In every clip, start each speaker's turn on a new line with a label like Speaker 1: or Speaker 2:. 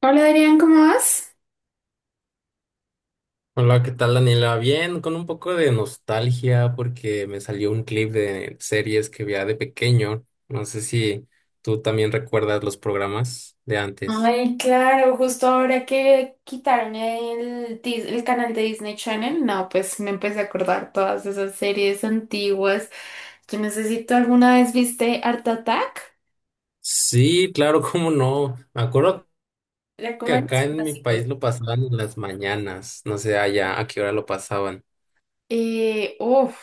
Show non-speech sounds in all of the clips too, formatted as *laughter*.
Speaker 1: Hola, Adrián, ¿cómo vas?
Speaker 2: Hola, ¿qué tal, Daniela? Bien, con un poco de nostalgia porque me salió un clip de series que veía de pequeño. No sé si tú también recuerdas los programas de antes.
Speaker 1: Ay, claro, justo ahora que quitaron el canal de Disney Channel, no, pues me empecé a acordar todas esas series antiguas. Yo necesito, ¿alguna vez viste Art Attack?
Speaker 2: Sí, claro, *laughs* cómo no. Me acuerdo
Speaker 1: Era
Speaker 2: que
Speaker 1: como de
Speaker 2: acá
Speaker 1: los
Speaker 2: en mi
Speaker 1: clásicos.
Speaker 2: país lo pasaban en las mañanas. No sé allá a qué hora lo pasaban.
Speaker 1: Eh, uf,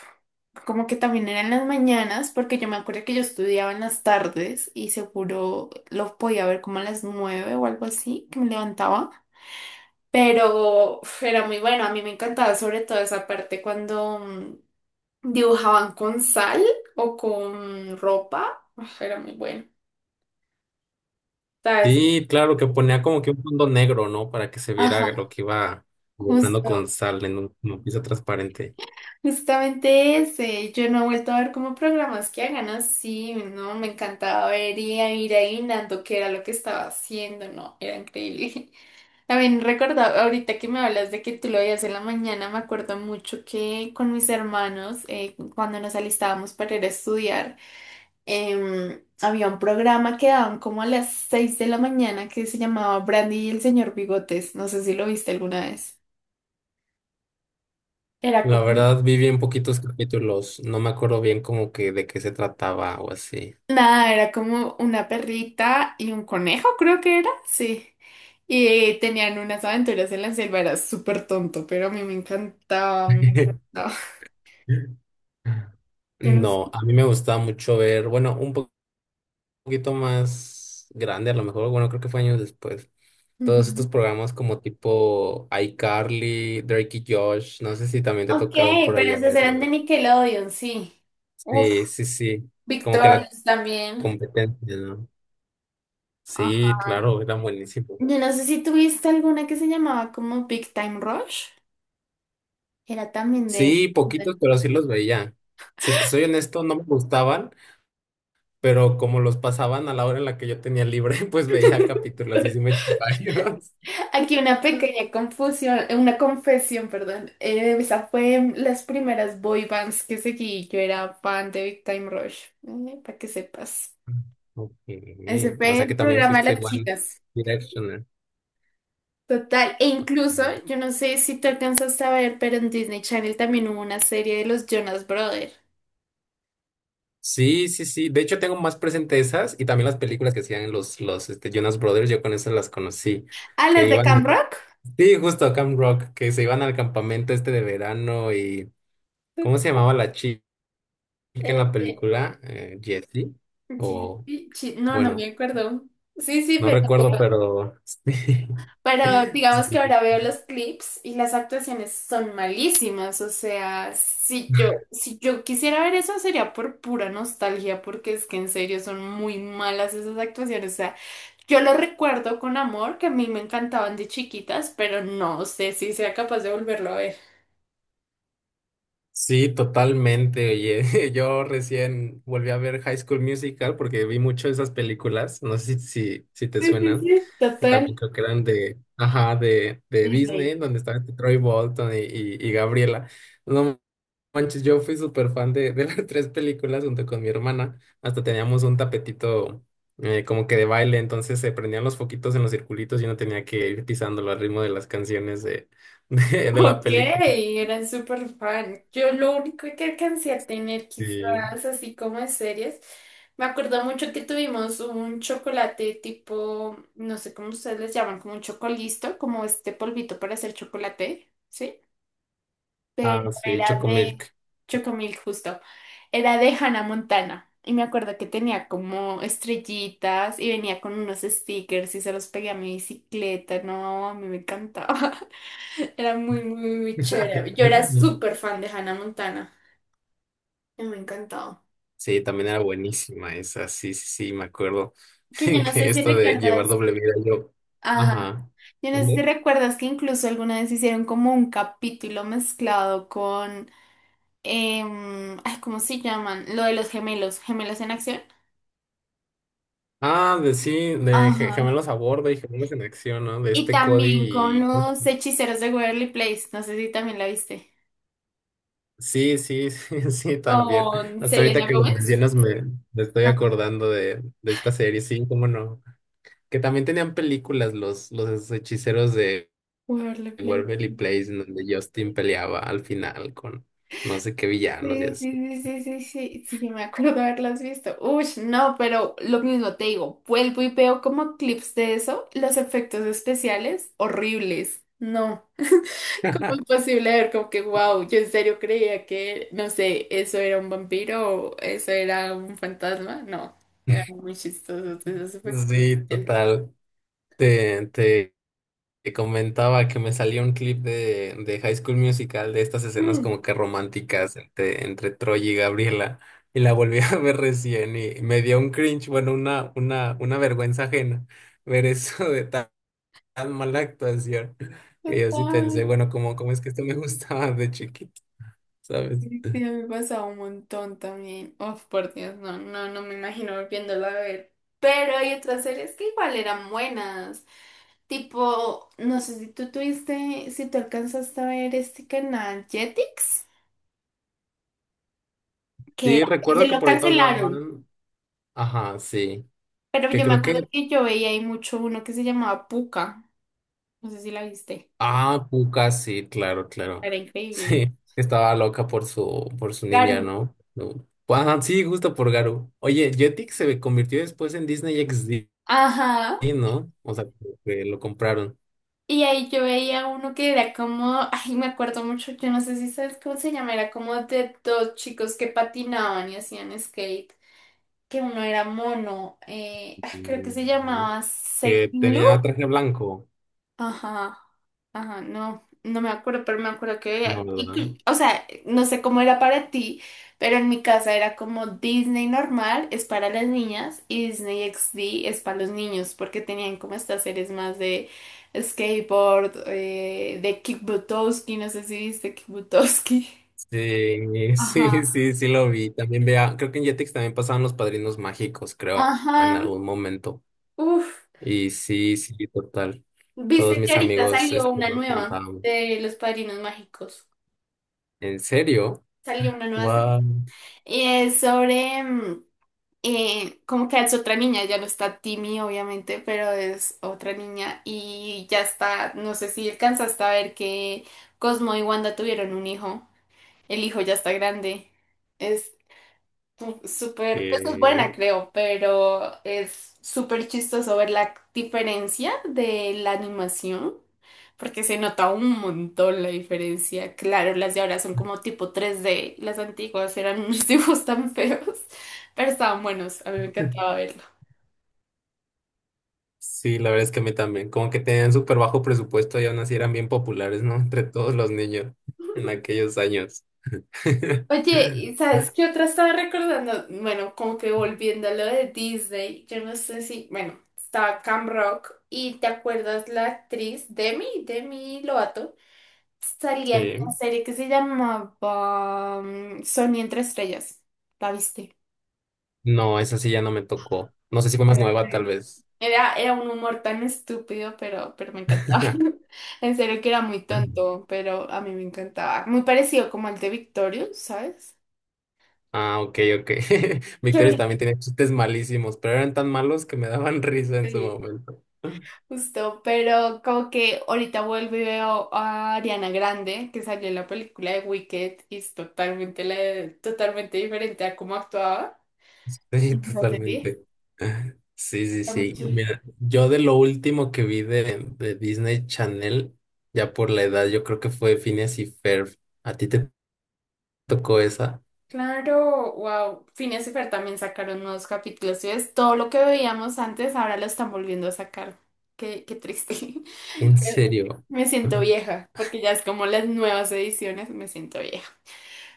Speaker 1: Como que también eran las mañanas, porque yo me acuerdo que yo estudiaba en las tardes y seguro lo podía ver como a las nueve o algo así, que me levantaba. Pero uf, era muy bueno, a mí me encantaba sobre todo esa parte cuando dibujaban con sal o con ropa. Uf, era muy bueno. ¿Sabes?
Speaker 2: Sí, claro, que ponía como que un fondo negro, ¿no? Para que se viera
Speaker 1: Ajá.
Speaker 2: lo que iba dibujando
Speaker 1: Justo
Speaker 2: con sal en una pieza transparente.
Speaker 1: Justamente ese, yo no he vuelto a ver como programas que hagan así, no, me encantaba ver y a ir adivinando qué era lo que estaba haciendo, no, era increíble. *laughs* También recordaba, ahorita que me hablas de que tú lo veías en la mañana, me acuerdo mucho que con mis hermanos, cuando nos alistábamos para ir a estudiar, había un programa que daban como a las 6 de la mañana que se llamaba Brandy y el señor Bigotes, no sé si lo viste alguna vez. Era
Speaker 2: La
Speaker 1: como.
Speaker 2: verdad, vi bien poquitos capítulos. No me acuerdo bien como que de qué se trataba o así.
Speaker 1: Nada, era como una perrita y un conejo, creo que era, sí. Y tenían unas aventuras en la selva, era súper tonto, pero a mí me encantaba. Me
Speaker 2: *laughs*
Speaker 1: encantaba. *laughs* Yo no sé.
Speaker 2: No, a mí me gustaba mucho ver, bueno, poquito más grande, a lo mejor, bueno, creo que fue años después. Todos estos
Speaker 1: Ujú.
Speaker 2: programas como tipo iCarly, Drake y Josh, no sé si también te
Speaker 1: Ok,
Speaker 2: tocaron por
Speaker 1: pero
Speaker 2: ahí a
Speaker 1: esas eran de
Speaker 2: verlo.
Speaker 1: Nickelodeon, sí. Uf,
Speaker 2: Sí, sí, sí. Como que la
Speaker 1: Victorious también.
Speaker 2: competencia, ¿no? Sí,
Speaker 1: Ajá.
Speaker 2: claro, eran buenísimos.
Speaker 1: Yo no sé si tuviste alguna que se llamaba como Big Time Rush. Era también de...
Speaker 2: Sí, poquitos, pero sí los veía. Si te soy honesto, no me gustaban, pero como los pasaban a la hora en la que yo tenía libre, *laughs* pues veía capítulos y sí
Speaker 1: *laughs*
Speaker 2: me eché varios.
Speaker 1: Aquí una pequeña confusión, una confesión, perdón. Esa fue las primeras boy bands que seguí. Yo era fan de Big Time Rush, para que sepas.
Speaker 2: Ok,
Speaker 1: Ese
Speaker 2: o
Speaker 1: fue
Speaker 2: sea que
Speaker 1: el
Speaker 2: también
Speaker 1: programa de
Speaker 2: fuiste
Speaker 1: las
Speaker 2: One
Speaker 1: chicas.
Speaker 2: Directioner.
Speaker 1: Total, e incluso, yo no sé si te alcanzaste a ver, pero en Disney Channel también hubo una serie de los Jonas Brothers.
Speaker 2: Sí, sí, sí. De hecho, tengo más presente esas y también las películas que hacían los Jonas Brothers. Yo con esas las conocí.
Speaker 1: Ah,
Speaker 2: Que
Speaker 1: las de Camp
Speaker 2: iban.
Speaker 1: Rock.
Speaker 2: Sí, justo a Camp Rock, que se iban al campamento este de verano. Y. ¿Cómo se llamaba la chica en
Speaker 1: Eh,
Speaker 2: la
Speaker 1: eh,
Speaker 2: película? Jessie.
Speaker 1: Jesse-
Speaker 2: O,
Speaker 1: Chi- no, no me
Speaker 2: bueno,
Speaker 1: acuerdo. Sí, sí,
Speaker 2: no
Speaker 1: pero.
Speaker 2: recuerdo, pero. *laughs*
Speaker 1: Pero
Speaker 2: Sí.
Speaker 1: digamos que ahora veo los clips y las actuaciones son malísimas. O sea, si yo quisiera ver eso sería por pura nostalgia, porque es que en serio son muy malas esas actuaciones. O sea, yo lo recuerdo con amor, que a mí me encantaban de chiquitas, pero no sé si sea capaz de volverlo a ver.
Speaker 2: Sí, totalmente. Oye, *laughs* yo recién volví a ver High School Musical porque vi mucho esas películas. No sé si te
Speaker 1: Sí, sí,
Speaker 2: suenan,
Speaker 1: sí.
Speaker 2: que también
Speaker 1: Total.
Speaker 2: creo que eran de, ajá, de Disney,
Speaker 1: Disney.
Speaker 2: donde estaban Troy Bolton y Gabriela. No manches, yo fui súper fan de *laughs* las tres películas junto con mi hermana. Hasta teníamos un tapetito como que de baile, entonces se prendían los foquitos en los circulitos y uno tenía que ir pisándolo al ritmo de las canciones *laughs* de la
Speaker 1: Ok,
Speaker 2: película.
Speaker 1: era súper fan. Yo lo único que alcancé a tener
Speaker 2: Sí.
Speaker 1: quizás así como de series, me acuerdo mucho que tuvimos un chocolate tipo, no sé cómo ustedes les llaman, como un chocolisto, como este polvito para hacer chocolate, ¿sí? Pero
Speaker 2: Ah, sí,
Speaker 1: era de.
Speaker 2: Chocomilk.
Speaker 1: Chocomilk justo, era de Hannah Montana. Y me acuerdo que tenía como estrellitas y venía con unos stickers y se los pegué a mi bicicleta. No, a mí me encantaba. Era muy, muy, muy chévere. Yo era
Speaker 2: *laughs*
Speaker 1: súper fan de Hannah Montana. Y me encantaba.
Speaker 2: Sí, también era buenísima esa, sí, sí, sí, me acuerdo
Speaker 1: Que yo no
Speaker 2: *laughs*
Speaker 1: sé
Speaker 2: que
Speaker 1: si
Speaker 2: esto de llevar
Speaker 1: recuerdas.
Speaker 2: doble vida yo.
Speaker 1: Ajá.
Speaker 2: Ajá.
Speaker 1: Yo no sé si
Speaker 2: ¿Mande?
Speaker 1: recuerdas que incluso alguna vez hicieron como un capítulo mezclado con. Ay, ¿cómo se llaman? Lo de los gemelos. ¿Gemelos en acción?
Speaker 2: Ah, de sí, de
Speaker 1: Ajá.
Speaker 2: gemelos a bordo y gemelos en acción, ¿no? De
Speaker 1: Y
Speaker 2: este Cody
Speaker 1: también con
Speaker 2: y...
Speaker 1: los hechiceros de Waverly Place. No sé si también la viste.
Speaker 2: Sí, sí, *laughs* sí, sí, también.
Speaker 1: Con
Speaker 2: Hasta ahorita
Speaker 1: Selena
Speaker 2: que lo
Speaker 1: Gómez.
Speaker 2: mencionas me, me estoy acordando de esta serie, sí, cómo no. Que también tenían películas los hechiceros de
Speaker 1: Waverly Place.
Speaker 2: Waverly Place, en donde Justin peleaba al final con no sé qué villanos y
Speaker 1: Sí,
Speaker 2: así.
Speaker 1: sí, sí, sí, sí, sí, sí, yo me acuerdo haberlas visto. Uy, no, pero lo mismo te digo, vuelvo y veo como clips de eso, los efectos especiales horribles. No, *laughs* ¿cómo es
Speaker 2: *laughs*
Speaker 1: posible ver como que, wow, yo en serio creía que, no sé, eso era un vampiro o eso era un fantasma? No, eran muy chistosos esos efectos.
Speaker 2: Sí, total. Te, te, te comentaba que me salió un clip de High School Musical de estas escenas
Speaker 1: Mm,
Speaker 2: como que románticas entre Troy y Gabriela y la volví *laughs* a ver recién y me dio un cringe, bueno, una vergüenza ajena ver eso de tan mala actuación. *laughs* Que yo sí
Speaker 1: total.
Speaker 2: pensé, bueno, ¿cómo es que esto me *laughs* gustaba de chiquito, ¿sabes?
Speaker 1: Sí, me pasa un montón también. Oh, por Dios, no, no, no me imagino volviéndolo a ver. Pero hay otras series que igual eran buenas. Tipo, no sé si tú tuviste, si tú alcanzaste a ver este canal Jetix, que
Speaker 2: Sí,
Speaker 1: era,
Speaker 2: recuerdo
Speaker 1: se
Speaker 2: que
Speaker 1: lo
Speaker 2: por ahí
Speaker 1: cancelaron.
Speaker 2: pasaban. Ajá, sí.
Speaker 1: Pero
Speaker 2: Que
Speaker 1: yo me
Speaker 2: creo
Speaker 1: acuerdo
Speaker 2: que.
Speaker 1: que yo veía ahí mucho uno que se llamaba Puka. No sé si la viste.
Speaker 2: Ah, Puka, sí, claro, claro.
Speaker 1: Era
Speaker 2: *laughs*
Speaker 1: increíble.
Speaker 2: Sí, estaba loca por por su ninja,
Speaker 1: Garu.
Speaker 2: ¿no? No. Ajá, sí, justo por Garu. Oye, Jetix se convirtió después en Disney XD,
Speaker 1: Ajá.
Speaker 2: ¿no? O sea, como que lo compraron.
Speaker 1: Y ahí yo veía uno que era como, ay, me acuerdo mucho, yo no sé si sabes cómo se llama, era como de dos chicos que patinaban y hacían skate, que uno era mono, ay, creo que se
Speaker 2: Mm,
Speaker 1: llamaba
Speaker 2: que
Speaker 1: Second
Speaker 2: tenía
Speaker 1: Loop.
Speaker 2: traje blanco,
Speaker 1: Ajá, ajá, no, no me acuerdo, pero me acuerdo
Speaker 2: ¿no, verdad?
Speaker 1: o sea, no sé cómo era para ti, pero en mi casa era como Disney normal es para las niñas y Disney XD es para los niños, porque tenían como estas series más de skateboard, de Kick Buttowski, no sé si viste Kick Buttowski. *laughs*
Speaker 2: Sí, *laughs*
Speaker 1: Ajá,
Speaker 2: sí, sí, sí lo vi. También vea, creo que en Jetix también pasaban los padrinos mágicos, creo, en
Speaker 1: ajá,
Speaker 2: algún momento.
Speaker 1: uff,
Speaker 2: Y sí, sí, total. Todos
Speaker 1: viste que
Speaker 2: mis
Speaker 1: ahorita
Speaker 2: amigos
Speaker 1: salió
Speaker 2: este,
Speaker 1: una
Speaker 2: nos
Speaker 1: nueva
Speaker 2: contaban.
Speaker 1: de Los Padrinos Mágicos,
Speaker 2: ¿En serio?
Speaker 1: salió una nueva serie,
Speaker 2: Wow.
Speaker 1: y es sobre... mm, como que es otra niña, ya no está Timmy, obviamente, pero es otra niña y ya está, no sé si alcanzaste a ver que Cosmo y Wanda tuvieron un hijo, el hijo ya está grande, es. Uf, súper, pues es
Speaker 2: Eh,
Speaker 1: buena creo, pero es súper chistoso ver la diferencia de la animación, porque se nota un montón la diferencia. Claro, las de ahora son como tipo tres d y las antiguas eran *laughs* unos dibujos tan feos, pero estaban buenos, a mí me
Speaker 2: *laughs*
Speaker 1: encantaba verlo.
Speaker 2: sí, la verdad es que a mí también. Como que tenían súper bajo presupuesto y aún así eran bien populares, ¿no? *laughs* Entre todos los niños en aquellos años. *laughs*
Speaker 1: Oye, ¿y sabes qué otra estaba recordando? Bueno, como que volviendo a lo de Disney, yo no sé si, bueno, estaba Cam Rock y ¿te acuerdas la actriz Demi Lovato? Salía en una
Speaker 2: Sí.
Speaker 1: serie que se llamaba Sony entre estrellas. ¿La viste?
Speaker 2: No, esa sí ya no me tocó. No sé si fue más
Speaker 1: Era
Speaker 2: nueva, tal
Speaker 1: increíble.
Speaker 2: vez.
Speaker 1: Era un humor tan estúpido, pero me encantaba. *laughs*
Speaker 2: *laughs*
Speaker 1: En serio que era muy tonto, pero a mí me encantaba. Muy parecido como al de Victorious, ¿sabes?
Speaker 2: Ah, ok, ok. *laughs*
Speaker 1: Que
Speaker 2: Victorious
Speaker 1: ahorita
Speaker 2: también tenía chistes malísimos, pero eran tan malos que me daban *laughs* risa en su
Speaker 1: sí,
Speaker 2: momento.
Speaker 1: justo, pero como que ahorita vuelvo y veo a Ariana Grande, que salió en la película de Wicked, y es totalmente, la- totalmente diferente a cómo actuaba.
Speaker 2: Sí,
Speaker 1: Entonces, sí.
Speaker 2: totalmente. Sí, sí,
Speaker 1: Está muy.
Speaker 2: sí. Mira, yo de lo último que vi de Disney Channel, ya por la edad, yo creo que fue Phineas y Ferb. ¿A ti te tocó esa?
Speaker 1: Claro, wow. Phineas y Fer también sacaron nuevos capítulos. ¿Sí ves? Todo lo que veíamos antes ahora lo están volviendo a sacar. Qué triste. *laughs*
Speaker 2: ¿En
Speaker 1: Eh,
Speaker 2: serio?
Speaker 1: me siento vieja, porque ya es como las nuevas ediciones, me siento vieja.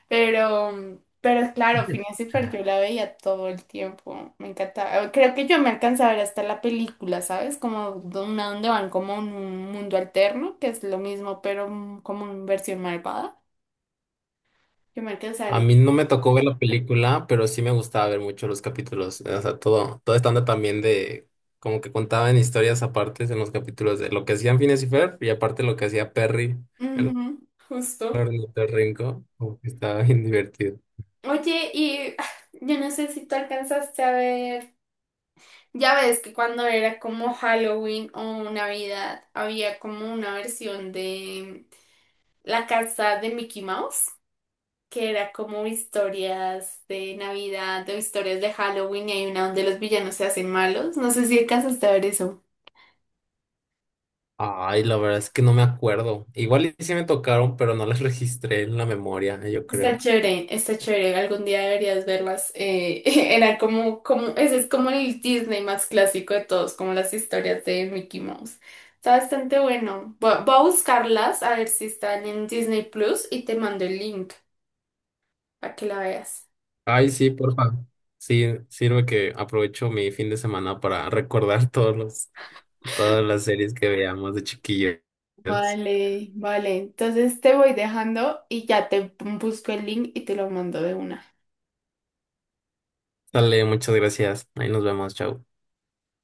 Speaker 1: Pero claro, Phineas y Fer yo la veía todo el tiempo. Me encantaba. Creo que yo me alcanzaba a ver hasta la película, ¿sabes? Como de una donde van como en un mundo alterno, que es lo mismo, pero como en versión malvada. Yo me alcanzaba a
Speaker 2: A
Speaker 1: ver
Speaker 2: mí no
Speaker 1: eso.
Speaker 2: me tocó ver la película, pero sí me gustaba ver mucho los capítulos. O sea, todo, todo estando también de, como que contaban historias aparte en los capítulos de lo que hacían Phineas y Ferb y aparte lo que hacía Perry, el
Speaker 1: Ujú, justo.
Speaker 2: ornitorrinco, como que estaba bien *laughs* divertido.
Speaker 1: Oye, y *sighs* yo no sé si tú alcanzaste a ver, ya ves que cuando era como Halloween o Navidad, había como una versión de La casa de Mickey Mouse, que era como historias de Navidad de historias de Halloween y hay una donde los villanos se hacen malos. No sé si alcanzaste a ver eso.
Speaker 2: Ay, la verdad es que no me acuerdo. Igual y sí me tocaron, pero no las *laughs* registré en la memoria, yo
Speaker 1: Está
Speaker 2: creo.
Speaker 1: chévere, está chévere. Algún día deberías verlas. *laughs* Era como, como, ese es como el Disney más clásico de todos, como las historias de Mickey Mouse. Está bastante bueno. Voy a buscarlas a ver si están en Disney Plus y te mando el link para que la veas.
Speaker 2: Ay, sí, porfa. Sí, sirve que aprovecho mi fin de semana para *laughs* recordar todos los, todas las series que veamos de chiquillos.
Speaker 1: Vale, vale. Entonces te voy dejando y ya te busco el link y te lo mando de una.
Speaker 2: Dale, muchas gracias. Ahí nos vemos, chao.